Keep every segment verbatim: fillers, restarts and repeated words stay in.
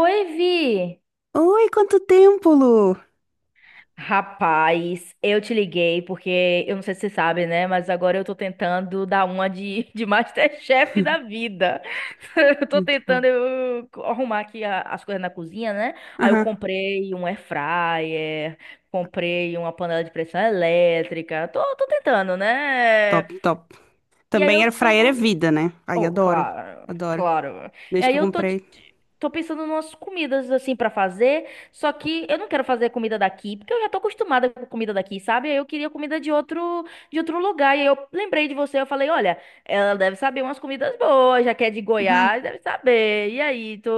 Oi, Vi! Oi, quanto tempo, Lu? Rapaz, eu te liguei porque eu não sei se você sabe, né? Mas agora eu tô tentando dar uma de, de Masterchef da vida. Eu tô Muito bom. tentando eu, arrumar aqui a- as coisas na cozinha, né? Aí eu Aham, comprei um air fryer, comprei uma panela de pressão elétrica. Tô, tô tentando, né? top, top. E aí Também eu air fryer é tô. vida, né? Ai, Oh, adoro, claro, adoro. claro. E Desde que aí eu eu tô, te- comprei. te- tô pensando em umas comidas assim pra fazer, só que eu não quero fazer comida daqui, porque eu já tô acostumada com comida daqui, sabe? Aí eu queria comida de outro, de outro lugar. E aí eu lembrei de você, eu falei, olha, ela deve saber umas comidas boas, já que é de Uhum. Goiás, deve saber. E aí, tu,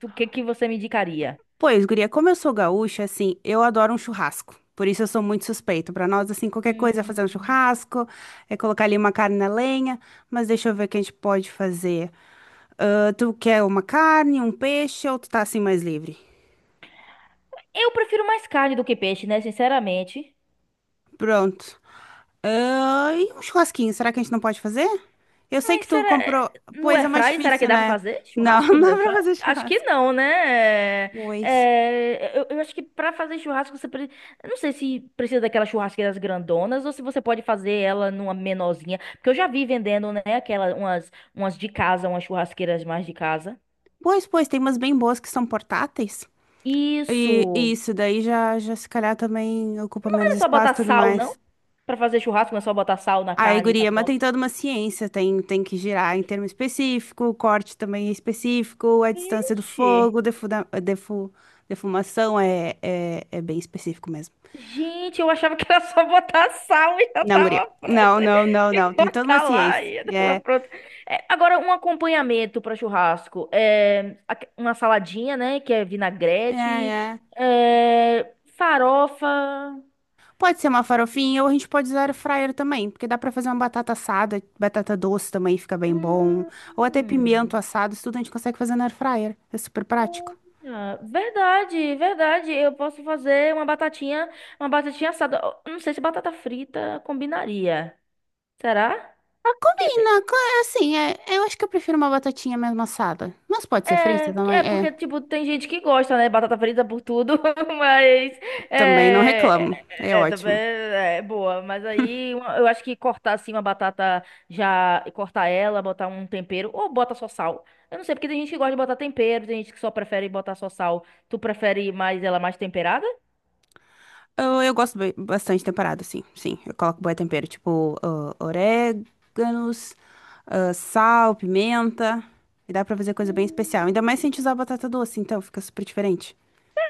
tu- o que que você me indicaria? Pois, guria, como eu sou gaúcha, assim, eu adoro um churrasco. Por isso eu sou muito suspeita. Pra nós, assim, qualquer coisa é fazer um Hum. churrasco, é colocar ali uma carne na lenha. Mas deixa eu ver o que a gente pode fazer. Ah, tu quer uma carne, um peixe ou tu tá assim mais livre? Eu prefiro mais carne do que peixe, né? Sinceramente. Pronto. Ah, e um churrasquinho, será que a gente não pode fazer? Eu sei que Mas tu será... comprou. No Pois é mais airfry, será que difícil, dá pra né? fazer Não, churrasco não no dá pra airfry? fazer Acho que churrasco. não, né? É, Pois. é, Eu, eu acho que pra fazer churrasco você... pre- eu não sei se precisa daquelas churrasqueiras grandonas ou se você pode fazer ela numa menorzinha. Porque eu já vi vendendo, né? Aquelas, umas, umas de casa, umas churrasqueiras mais de casa. Pois, pois, tem umas bem boas que são portáteis. Isso! E e isso, daí já, já se calhar também ocupa Mas não menos é só espaço botar e tudo sal, mais. não? Pra fazer churrasco não é só botar sal na Aí, carne e tá guria, mas tem pronto. toda uma ciência, tem, tem que girar em termo específico, o corte também é específico, a distância do Vixe! fogo, defuda, defu, defumação é, é, é bem específico mesmo. Gente, eu achava que era só botar sal e já Não, guria. tava pronto. Não, não, não, E não. Tem toda uma botar lá ciência. e já tava É, pronto. É, agora, um acompanhamento para churrasco. É, aque- uma saladinha, né? Que é é, vinagrete. é. É, farofa. Pode ser uma farofinha ou a gente pode usar air fryer também, porque dá pra fazer uma batata assada, batata doce também fica bem bom, ou até pimento Hum, assado, isso tudo a gente consegue fazer na air fryer. É super prático. olha, verdade, verdade. Eu posso fazer uma batatinha, uma batatinha assada. Eu não sei se batata frita combinaria. Será? Ah, combina, co- assim, é, eu acho que eu prefiro uma batatinha mesmo assada, mas pode ser É, frita é também, é. porque, tipo, tem gente que gosta, né? Batata frita por tudo, mas Também não é, é, reclamo. É é, é, também ótimo. é é boa. Mas aí uma- eu acho que cortar assim uma batata já, cortar ela, botar um tempero, ou bota só sal. Eu não sei, porque tem gente que gosta de botar tempero, tem gente que só prefere botar só sal. Tu prefere mais ela mais temperada? Eu, eu gosto ba- bastante temperado, sim. Sim, eu coloco bué tempero, tipo ah, oréganos, ah, sal, pimenta. E dá pra fazer coisa bem especial. Ainda mais se a gente usar batata doce, então fica super diferente.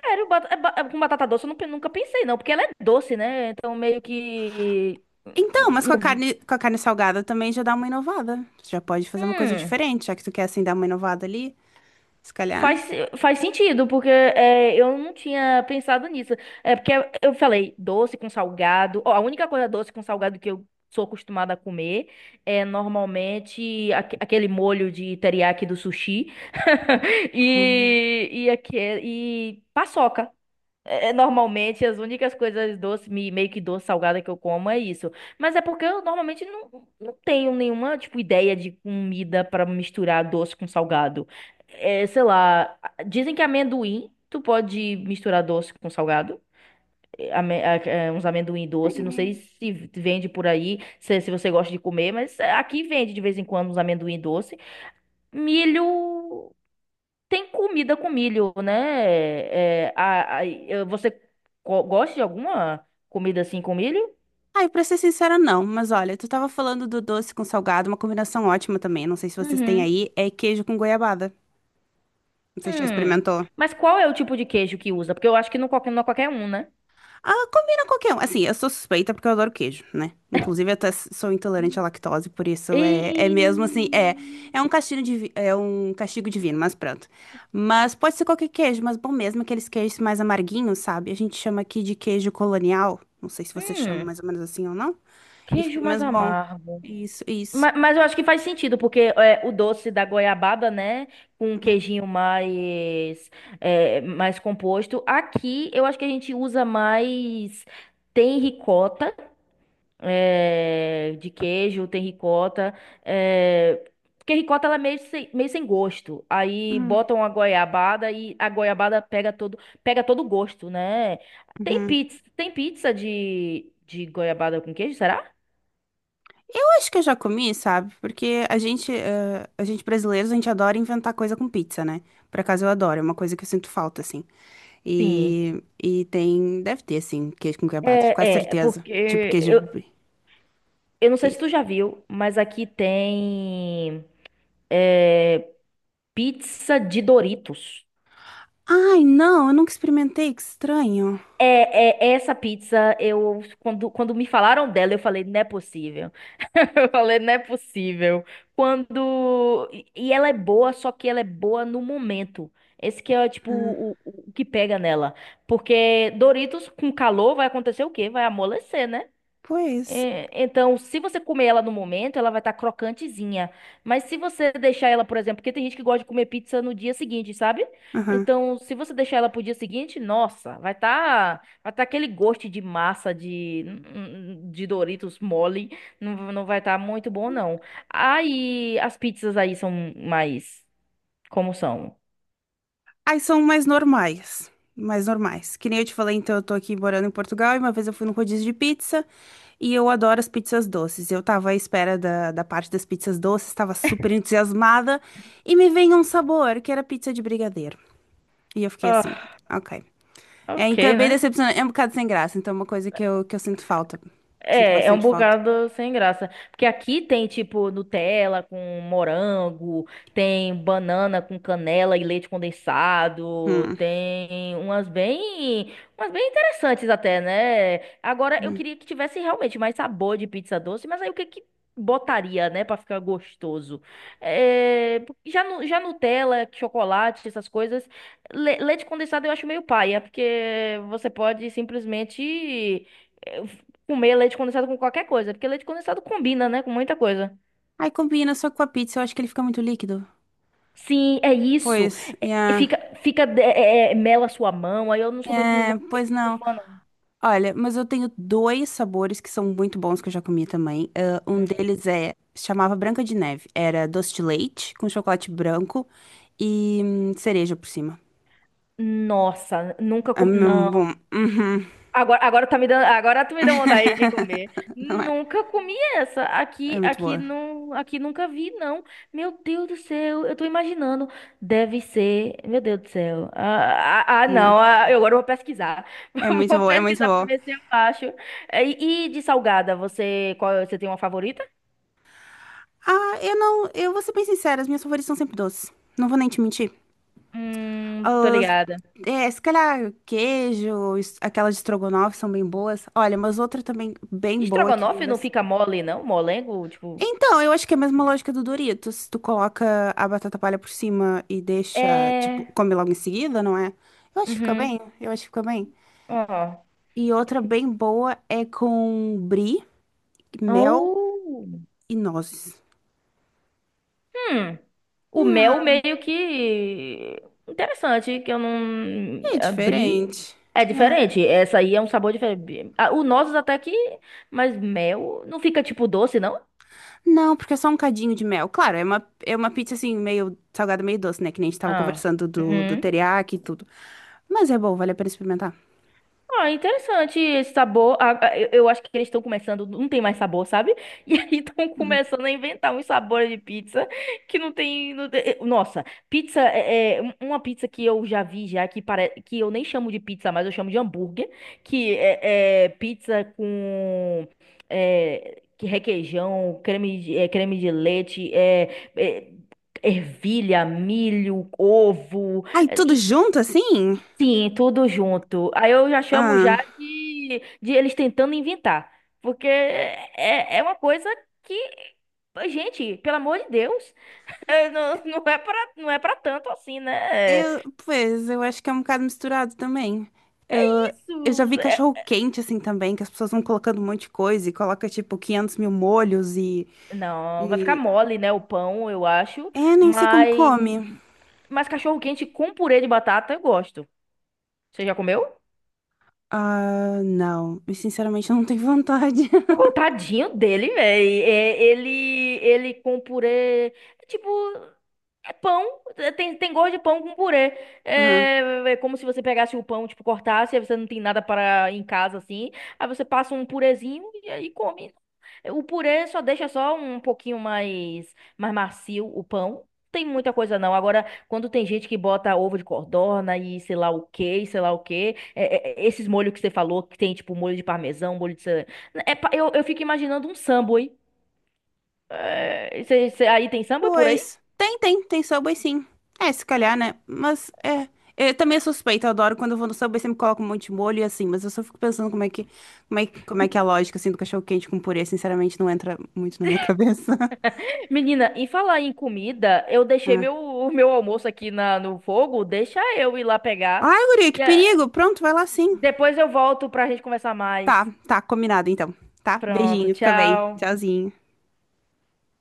Sério, bat- é ba- é com batata doce eu não pe- nunca pensei, não, porque ela é doce, né? Então meio que. Então, mas com a carne, com a carne salgada também já dá uma inovada. Você já pode fazer uma coisa Hum. diferente, já que tu quer assim dar uma inovada ali, se calhar. Faz, faz sentido, porque é, eu não tinha pensado nisso. É porque eu falei doce com salgado. Ó, a única coisa doce com salgado que eu sou acostumada a comer é normalmente aque- aquele molho de teriyaki do sushi e, e, aque- e paçoca. É, é, normalmente as únicas coisas doce, me- meio que doce, salgada que eu como é isso. Mas é porque eu normalmente não, não tenho nenhuma, tipo, ideia de comida pra misturar doce com salgado. É, sei lá, a- dizem que amendoim, tu pode misturar doce com salgado. É, ame- é, é, uns amendoim doce, não sei Sim. se vende por aí, se, se você gosta de comer, mas é, aqui vende de vez em quando uns amendoim doce. Milho. Tem comida com milho, né? É, a- a- eu- você co- gosta de alguma comida assim com milho? Ai, pra ser sincera, não. Mas olha, tu tava falando do doce com salgado, uma combinação ótima também. Não sei se vocês têm Uhum. aí, é queijo com goiabada. Não sei se já Hum. experimentou. Mas qual é o tipo de queijo que usa? Porque eu acho que não, qualquer- não é qualquer um, né? Ah, combina qualquer um. Assim, eu sou suspeita porque eu adoro queijo, né? Inclusive, eu até s- sou intolerante à lactose, por isso E... é, é mesmo assim, é, é um castigo divi- é um castigo divino, mas pronto. Mas pode ser qualquer queijo, mas bom mesmo aqueles queijos mais amarguinhos, sabe? A gente chama aqui de queijo colonial. Não sei se você chama Hum. mais ou menos assim ou não. E fica Queijo mais mesmo bom. amargo. Isso, isso. Ma- Mas, eu acho que faz sentido, porque é, o doce da goiabada, né? Com um queijinho mais, é, mais composto. Aqui eu acho que a gente usa mais. Tem ricota. Eh, de queijo, tem ricota. Eh, porque ricota ela é meio sem, meio sem gosto. Aí Uhum. botam a goiabada e a goiabada pega todo, pega todo o gosto, né? Tem uhum. pizza, tem pizza de, de goiabada com queijo, será? Eu acho que eu já comi, sabe? Porque a gente, eh, a gente brasileiros, a gente adora inventar coisa com pizza, né? Por acaso eu adoro, é uma coisa que eu sinto falta, assim. Sim. E, e tem, deve ter, assim, queijo com goiabada, com É, é, certeza. porque Tipo queijo eu, brie. eu não sei se tu já viu, mas aqui tem pizza de Doritos. Ai, não, eu nunca experimentei, que estranho. É, é- essa pizza, eu quando, quando me falaram dela, eu falei, não é possível. Eu falei, não é possível. Quando e e Ela é boa, só que ela é boa no momento. Esse que é tipo Ah, o, o o que pega nela, porque Doritos com calor vai acontecer o quê? Vai amolecer, né? pois. É, então, se você comer ela no momento, ela vai estar crocantezinha. Mas se você deixar ela, por exemplo, porque tem gente que gosta de comer pizza no dia seguinte, sabe? Aham. Então, se você deixar ela pro dia seguinte, nossa, vai estar, vai tá aquele gosto de massa de, hum, de Doritos mole, não, não vai estar muito bom, não. Aí, as pizzas aí são mais como são? Aí são mais normais. Mais normais. Que nem eu te falei, então eu tô aqui morando em Portugal e uma vez eu fui no rodízio de pizza e eu adoro as pizzas doces. Eu tava à espera da, da parte das pizzas doces, tava super entusiasmada e me veio um sabor que era pizza de brigadeiro. E eu fiquei assim, Ah, ok. É, então é ok, bem né? decepcionante, é um bocado sem graça, então é uma coisa que eu, que eu sinto falta. Sinto É, é um bastante falta. bocado sem graça. Porque aqui tem, tipo, Nutella com morango, tem banana com canela e leite condensado, Hum. tem umas bem, umas bem interessantes até, né? Agora, eu Hum. queria que tivesse realmente mais sabor de pizza doce, mas aí o que que botaria, né, pra ficar gostoso? É, já, nu- já Nutella, chocolate, essas coisas, le- leite condensado eu acho meio paia, porque você pode simplesmente eh, comer leite condensado com qualquer coisa, porque leite condensado combina, né, com muita coisa. Aí combina só que com a pizza, eu acho que ele fica muito líquido. Sim, é isso. Pois, E yeah. fica, fica, é, é, é, mela a sua mão. Aí eu não sou muito, não, não É, sou pois muito não. fã, não. Olha, mas eu tenho dois sabores que são muito bons que eu já comi também. Ah, um Hum. deles é, se chamava Branca de Neve. Era doce de leite com chocolate branco e hum, cereja por cima. Nossa, nunca É comi. mesmo Não. bom. Uhum. Agora, agora tá me dando, agora tu me deu vontade de comer. Não é? Nunca comi essa. É Aqui, muito aqui boa. não, aqui nunca vi não. Meu Deus do céu, eu tô imaginando. Deve ser, meu Deus do céu. Ah, ah, ah, É, não, ah, eu agora vou pesquisar. é muito Vou boa, é muito pesquisar pra boa. ver se eu acho. Eh, E, e de salgada, você, qual, você tem uma favorita? Ah, eu não, eu vou ser bem sincera, as minhas favoritas são sempre doces. Não vou nem te mentir. Hum, tô As- ligada. É, se calhar queijo, es- aquelas de estrogonofe são bem boas. Olha, mas outra também bem De boa que eu... estrogonofe não fica mole não, molengo, tipo, Então, eu acho que é a mesma lógica do Doritos. Tu coloca a batata palha por cima e deixa, tipo, é, come logo em seguida, não é? Eu acho que fica bem, uhum. eu acho que fica bem. Ó. E outra bem boa é com brie, mel Oh. e nozes. Hum, o mel Ah, meio que interessante, que eu não é abri. diferente. É Yeah. diferente, essa aí é um sabor diferente. Ah, o nozes até que, mas mel não fica tipo doce, não? Não, porque é só um cadinho de mel. Claro, é uma, é uma pizza assim, meio salgada, meio doce, né? Que nem a gente tava Ah. conversando do, do Uhum. teriyaki e tudo. Mas é bom, vale a pena experimentar. Ah, interessante esse sabor. Ah, ah, eu eu acho que eles estão começando, não tem mais sabor, sabe? E aí estão Uhum. começando a inventar uns sabores de pizza que não tem. não tem- eh, Nossa, pizza é, é um- uma pizza que eu já vi já que parece que eu nem chamo de pizza, mas eu chamo de hambúrguer, que é, é pizza com é, que requeijão, creme de, é, creme de leite, é, é, ervilha, milho, ovo. Ai, É, tudo junto assim? sim, tudo junto. Aí eu já chamo já Ah. de, de eles tentando inventar. Porque é, é uma coisa que, gente, pelo amor de Deus, é, não, não é pra, não é pra tanto assim, né? Eu, pois, eu acho que é um bocado misturado também. Eu, eu já vi Isso. é- cachorro quente assim também, que as pessoas vão colocando um monte de coisa e coloca tipo quinhentos mil molhos e, Não, vai ficar e... mole, né? O pão, eu acho. É, nem sei como Mas, come. mas cachorro-quente com purê de batata eu gosto. Você já comeu? Ah, não. Eu, sinceramente não tenho vontade. Oh, tadinho dele, velho. Ele, ele com purê. É tipo. É pão, é, tem, tem gosto de pão com purê. Aham. É, é é como se você pegasse o pão, tipo, cortasse, aí você não tem nada para em casa assim. Aí você passa um purezinho e aí come. O purê só deixa só um pouquinho mais, mais macio o pão. Tem muita coisa não. Agora, quando tem gente que bota ovo de codorna e sei lá o quê, e sei lá o quê, é- é- é esses molhos que você falou, que tem tipo molho de parmesão, molho de. cera- é, é pa- eu, eu fico imaginando um samba, hein? É, cê- cê- aí tem samba por aí? Pois, tem, tem, tem Subway sim. É, se calhar, né? Mas é. Eu também sou suspeita, eu adoro quando eu vou no Subway, sempre coloco um monte de molho e assim, mas eu só fico pensando como é que, como é, que- como é que é a lógica assim do cachorro quente com purê, sinceramente não entra muito na minha cabeça. Menina, em falar em comida, eu deixei meu, o meu almoço aqui na, no fogo. Deixa eu ir lá Ai, pegar. guria, que E eh, perigo. Pronto, vai lá sim. Depois eu volto pra gente conversar mais. Tá, tá, combinado então. Tá? Pronto, Beijinho, fica bem. tchau. Tchauzinho.